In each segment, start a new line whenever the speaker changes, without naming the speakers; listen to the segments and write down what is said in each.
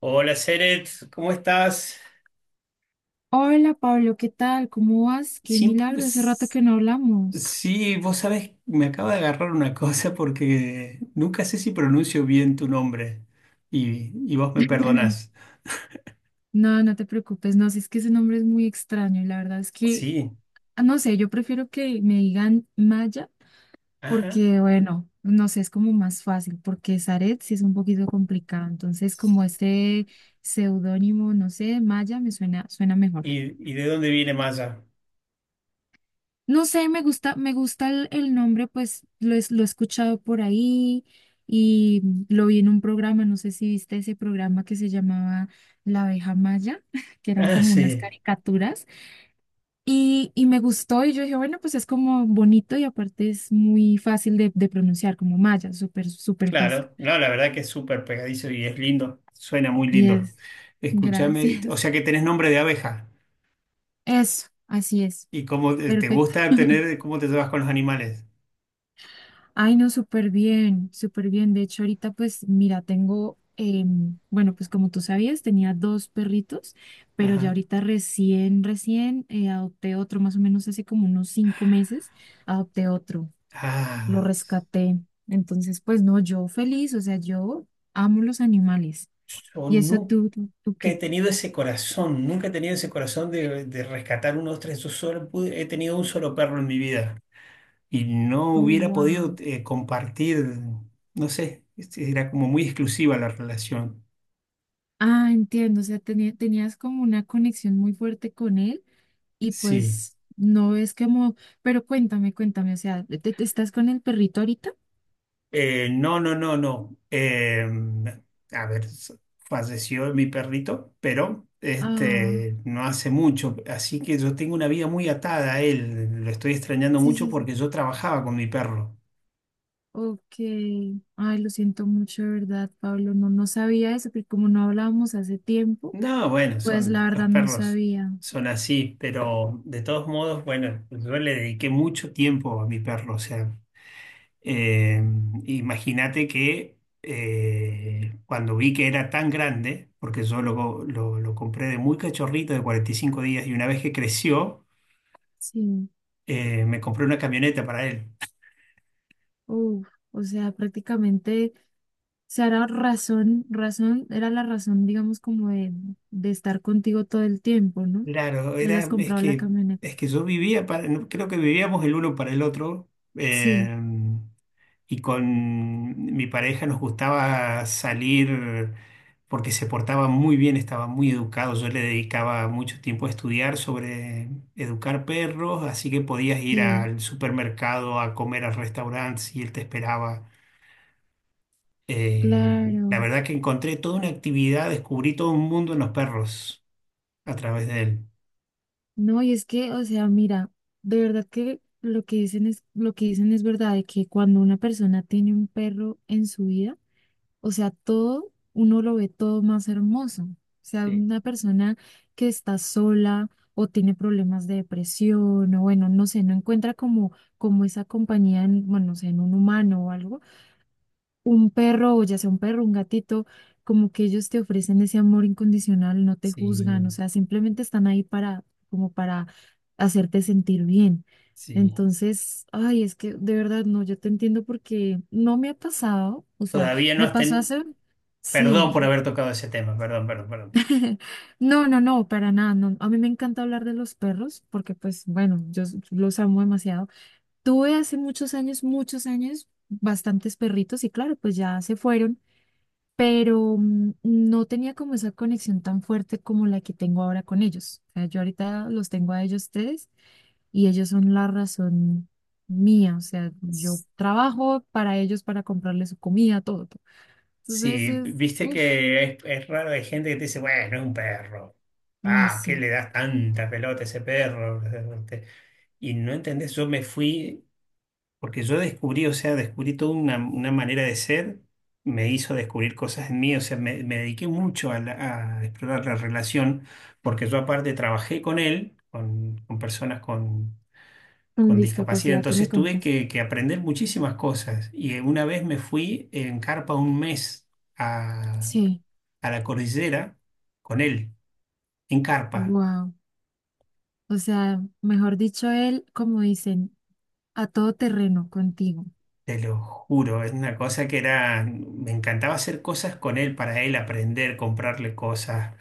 Hola, Seret, ¿cómo estás?
Hola Pablo, ¿qué tal? ¿Cómo vas? Qué
Siempre,
milagro, hace rato
pues,
que no hablamos.
sí, vos sabés, me acaba de agarrar una cosa porque nunca sé si pronuncio bien tu nombre y vos me perdonás.
No, no te preocupes, no, si es que ese nombre es muy extraño y la verdad es que,
Sí,
ah, no sé, yo prefiero que me digan Maya
ajá.
porque, bueno, no sé, es como más fácil porque Zaret sí es un poquito complicado, entonces como este seudónimo, no sé, Maya me suena, suena mejor.
¿Y, ¿y de dónde viene Maya?
No sé, me gusta el nombre, pues lo he escuchado por ahí y lo vi en un programa, no sé si viste ese programa que se llamaba La abeja Maya, que eran
Ah,
como unas
sí,
caricaturas y me gustó y yo dije, bueno, pues es como bonito y aparte es muy fácil de pronunciar, como Maya, súper, súper fácil.
claro. No, la verdad que es súper pegadizo y es lindo, suena muy lindo.
Yes,
Escúchame, o
gracias.
sea que tenés nombre de abeja
Eso, así es.
y cómo te
Perfecto.
gusta tener, cómo te llevas con los animales.
Ay, no, súper bien, súper bien. De hecho, ahorita pues mira, tengo, bueno, pues como tú sabías, tenía dos perritos, pero ya
Ajá.
ahorita recién, recién adopté otro, más o menos hace como unos 5 meses, adopté otro, lo
Ah,
rescaté. Entonces, pues no, yo feliz, o sea, yo amo los animales.
yo
¿Y eso
nu-
tú
que he
qué?
tenido ese corazón, nunca he tenido ese corazón de rescatar unos tres, yo he tenido un solo perro en mi vida y no
Oh,
hubiera podido
wow.
compartir, no sé, era como muy exclusiva la relación,
Ah, entiendo, o sea, tenías como una conexión muy fuerte con él y
sí.
pues no es como, pero cuéntame, cuéntame, o sea, estás con el perrito ahorita?
No, no, no, no. A ver, s- falleció mi perrito, pero
Ah,
no hace mucho, así que yo tengo una vida muy atada a él, lo estoy extrañando
sí,
mucho
sí, sí.
porque yo trabajaba con mi perro.
Ok. Ay, lo siento mucho, de verdad, Pablo. No, no sabía eso, porque como no hablábamos hace tiempo,
No, bueno,
pues la
son los
verdad no
perros,
sabía.
son así, pero de todos modos, bueno, yo le dediqué mucho tiempo a mi perro, o sea, eh, imagínate que cuando vi que era tan grande, porque yo lo compré de muy cachorrito, de 45 días, y una vez que creció,
Sí.
me compré una camioneta para él.
Uf, o sea, prácticamente, o sea, era era la razón, digamos, como de estar contigo todo el tiempo, ¿no?
Claro,
Que hayas
es
comprado la
que,
camioneta.
es que yo vivía, creo que vivíamos el uno para el otro.
Sí,
Eh, y con mi pareja nos gustaba salir porque se portaba muy bien, estaba muy educado. Yo le dedicaba mucho tiempo a estudiar sobre educar perros, así que podías ir
sí,
al supermercado a comer al restaurante y él te esperaba. La
claro.
verdad que encontré toda una actividad, descubrí todo un mundo en los perros a través de él.
No, y es que, o sea, mira, de verdad que lo que dicen es verdad, de que cuando una persona tiene un perro en su vida, o sea, todo, uno lo ve todo más hermoso. O sea,
Sí,
una persona que está sola o tiene problemas de depresión, o bueno, no sé, no encuentra como, como esa compañía en, bueno, no sé, en un humano o algo un perro, o ya sea un perro, un gatito, como que ellos te ofrecen ese amor incondicional, no te juzgan, o
sí,
sea, simplemente están ahí para, como para hacerte sentir bien.
sí.
Entonces, ay, es que de verdad no, yo te entiendo porque no me ha pasado, o sea,
Todavía no
me
has
pasó
ten
hace,
Perdón por
sí.
haber tocado ese tema, perdón, perdón, perdón.
No, no, no, para nada. No. A mí me encanta hablar de los perros porque, pues, bueno, los amo demasiado. Tuve hace muchos años, bastantes perritos y claro, pues ya se fueron pero no tenía como esa conexión tan fuerte como la que tengo ahora con ellos. O sea, yo ahorita los tengo a ellos tres y ellos son la razón mía. O sea, yo trabajo para ellos, para comprarles su comida, todo. Entonces
Sí,
es,
viste
uff,
que es raro, hay gente que te dice, bueno, es un perro.
ay,
Ah, ¿qué
sí.
le das tanta pelota a ese perro? Este, Y no entendés, porque yo descubrí, o sea, descubrí toda una manera de ser, me hizo descubrir cosas en mí, o sea, me dediqué mucho a, a explorar la relación, porque yo aparte trabajé con él, con personas
Con
con discapacidad,
discapacidad. ¿Qué me
entonces tuve
contas?
que aprender muchísimas cosas. Y una vez me fui en carpa un mes
Sí,
a la cordillera con él, en carpa,
wow. O sea, mejor dicho, él, como dicen, a todo terreno contigo.
te lo juro, es una cosa que era, me encantaba hacer cosas con él, para él aprender, comprarle cosas,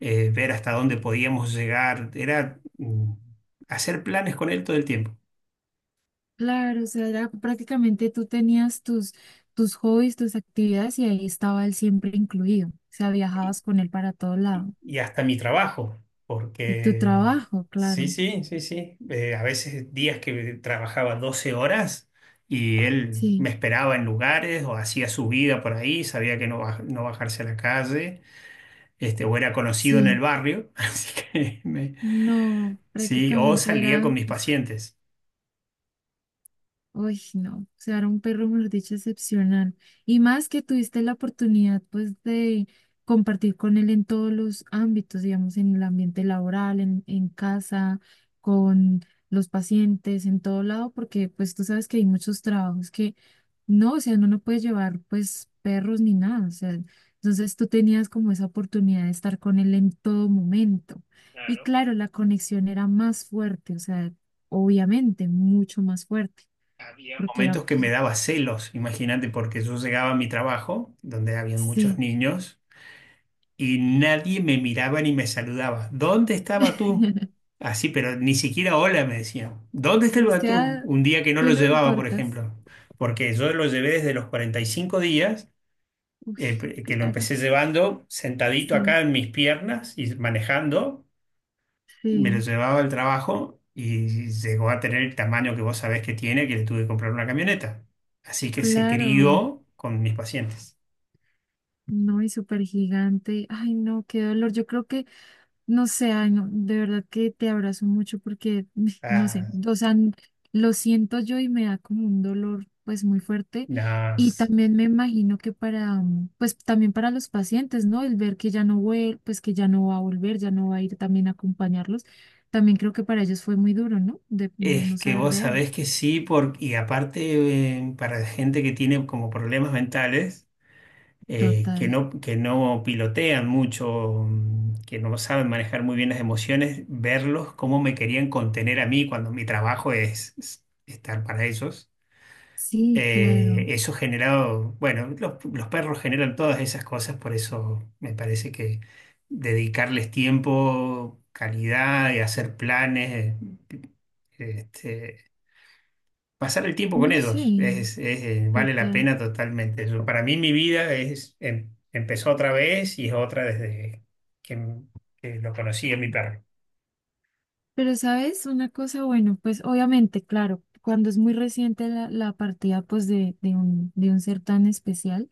ver hasta dónde podíamos llegar, era hacer planes con él todo el tiempo
Claro, o sea, era prácticamente tú tenías tus, tus hobbies, tus actividades y ahí estaba él siempre incluido. O sea, viajabas con él para todo lado.
y hasta mi trabajo,
Y tu
porque
trabajo,
sí,
claro.
sí, sí, sí, a veces días que trabajaba 12 horas. Y él me
Sí,
esperaba en lugares o hacía su vida por ahí, sabía que no, no bajarse a la calle, o era conocido en el
sí.
barrio,
No,
sí, o
prácticamente
salía con
era.
mis pacientes.
Uy, no, o sea, era un perro, mejor dicho, excepcional. Y más que tuviste la oportunidad, pues, de compartir con él en todos los ámbitos, digamos, en el ambiente laboral, en casa, con los pacientes, en todo lado, porque, pues, tú sabes que hay muchos trabajos que no, o sea, no puedes llevar, pues, perros ni nada, o sea, entonces tú tenías como esa oportunidad de estar con él en todo momento. Y
Claro,
claro, la conexión era más fuerte, o sea, obviamente, mucho más fuerte
había
porque era,
momentos que
pues,
me daba celos, imagínate, porque yo llegaba a mi trabajo, donde habían muchos
sí.
niños, y nadie me miraba ni me saludaba. ¿Dónde estaba tú? Así, pero ni siquiera hola me decían. ¿Dónde
Dice
estaba
que,
tú?
"Ah,
Un día que no
tú
lo
no
llevaba, por
importas."
ejemplo, porque yo lo llevé desde los 45 días,
Uy,
eh, que lo
claro,
empecé llevando sentadito
sí,
acá en mis piernas y manejando. Me lo
sí,
llevaba al trabajo y llegó a tener el tamaño que vos sabés que tiene, que le tuve que comprar una camioneta. Así que se
claro.
crió con mis pacientes.
No, y súper gigante. Ay, no, qué dolor. Yo creo que no sé, ay, no, de verdad que te abrazo mucho porque, no sé,
Ah,
o sea, lo siento yo y me da como un dolor pues muy fuerte
no,
y también me imagino que para, pues también para los pacientes, ¿no? El ver que ya no pues que ya no va a volver, ya no va a ir también a acompañarlos, también creo que para ellos fue muy duro, ¿no? De
es
no
que
saber
vos
de él.
sabés que sí, por, y aparte para gente que tiene como problemas mentales,
Total.
que no pilotean mucho, que no saben manejar muy bien las emociones, verlos cómo me querían contener a mí cuando mi trabajo es estar para ellos.
Sí, claro.
Eso generado, bueno, los perros generan todas esas cosas, por eso me parece que dedicarles tiempo, calidad y hacer planes, eh, este, pasar el tiempo con
No sé,
ellos, es, vale la
total.
pena totalmente. Para mí mi vida empezó otra vez y es otra desde que, que lo conocí a mi perro.
Pero, ¿sabes? Una cosa, bueno, pues obviamente, claro, cuando es muy reciente la, la partida pues de un, de un ser tan especial,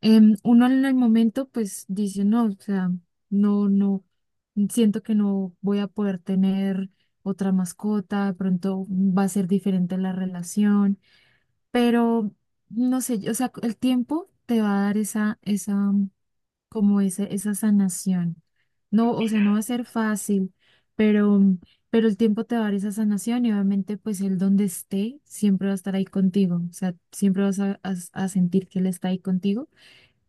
em, uno en el momento pues dice, no, o sea, no, no, siento que no voy a poder tener otra mascota, de pronto va a ser diferente la relación, pero no sé, o sea, el tiempo te va a dar esa, esa como esa sanación.
¿Qué
No, o sea, no
opinas?
va a ser fácil, pero, pero el tiempo te va a dar esa sanación y obviamente pues él donde esté siempre va a estar ahí contigo, o sea, siempre vas a, a sentir que él está ahí contigo.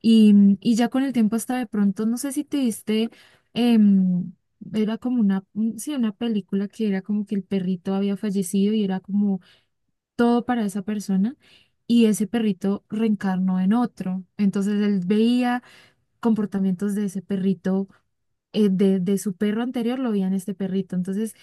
Y, y ya con el tiempo hasta de pronto, no sé si te diste, em, era como una, sí, una película que era como que el perrito había fallecido y era como todo para esa persona. Y ese perrito reencarnó en otro. Entonces él veía comportamientos de ese perrito, de su perro anterior lo veía en este perrito. Entonces,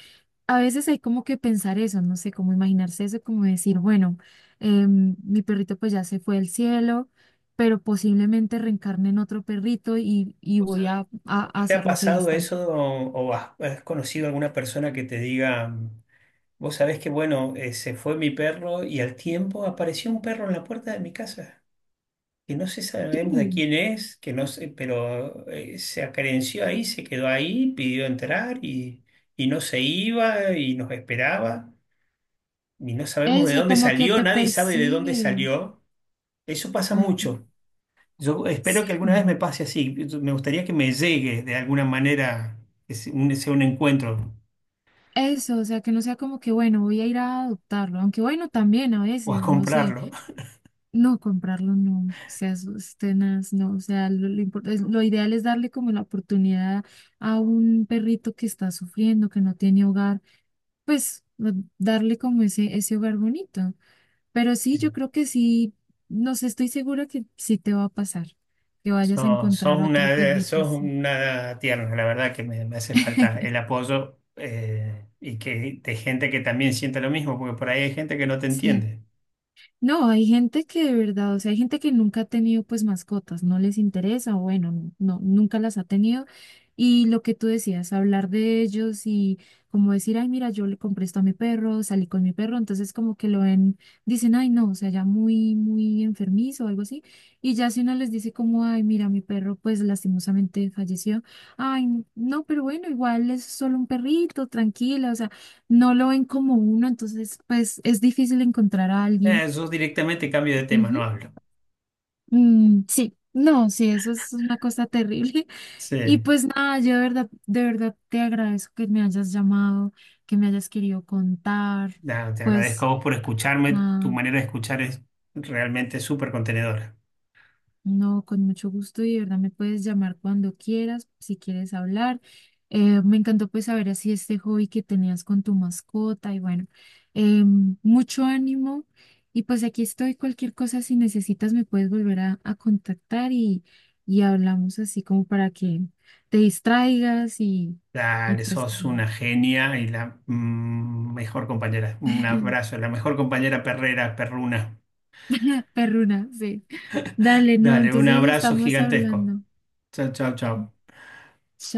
a veces hay como que pensar eso, no sé, cómo imaginarse eso, como decir, bueno, em, mi perrito pues ya se fue al cielo, pero posiblemente reencarne en otro perrito y
¿Vos
voy a,
sabés?
a
¿Nunca te ha
hacerlo feliz
pasado
también.
eso o has, has conocido alguna persona que te diga... Vos sabés que, bueno, se fue mi perro y al tiempo apareció un perro en la puerta de mi casa, que no sé,
Sí,
sabemos de quién es, que no sé, pero se acerenció ahí, se quedó ahí, pidió entrar y no se iba y nos esperaba y no sabemos de
eso,
dónde
como que
salió,
te
nadie sabe de dónde
persigue.
salió. Eso pasa
Ajá.
mucho. Yo espero
Sí,
que alguna vez me pase así. Me gustaría que me llegue de alguna manera, que sea un encuentro
eso, o sea, que no sea como que, bueno, voy a ir a adoptarlo, aunque bueno, también a
o a
veces, no sé.
comprarlo.
No, comprarlo no, seas tenaz, no, o sea, lo ideal es darle como la oportunidad a un perrito que está sufriendo, que no tiene hogar, pues lo- darle como ese hogar bonito. Pero sí, yo creo que sí, no sé, estoy segura que sí te va a pasar, que vayas a encontrar otro perrito
Sos
así.
una tierna, la verdad que me hace falta el apoyo y que de gente que también sienta lo mismo, porque por ahí hay gente que no te
Sí.
entiende.
No, hay gente que de verdad, o sea, hay gente que nunca ha tenido pues mascotas, no les interesa, o bueno, no, no, nunca las ha tenido. Y lo que tú decías, hablar de ellos y como decir, ay, mira, yo le compré esto a mi perro, salí con mi perro, entonces como que lo ven, dicen, ay, no, o sea, ya muy, muy enfermizo o algo así. Y ya si uno les dice como, ay, mira, mi perro pues lastimosamente falleció, ay, no, pero bueno, igual es solo un perrito, tranquila, o sea, no lo ven como uno, entonces pues es difícil encontrar a alguien.
Yo directamente cambio de tema, no
Ujú.
hablo.
Mm, sí, no, sí, eso es una cosa terrible.
Sí.
Y pues nada, yo de verdad te agradezco que me hayas llamado, que me hayas querido contar.
Nada, te agradezco
Pues
a vos por escucharme, tu
nada,
manera de escuchar es realmente súper contenedora.
no, con mucho gusto y de verdad me puedes llamar cuando quieras, si quieres hablar. Me encantó pues saber así este hobby que tenías con tu mascota y bueno, em, mucho ánimo y pues aquí estoy, cualquier cosa si necesitas me puedes volver a contactar y hablamos así como para que te distraigas y
Dale,
pues
sos una genia y la mejor compañera. Un abrazo, la mejor compañera perrera, perruna.
perruna, sí. Dale, no,
Dale, un
entonces
abrazo
estamos
gigantesco.
hablando.
Chao, chao, chao.
Chao.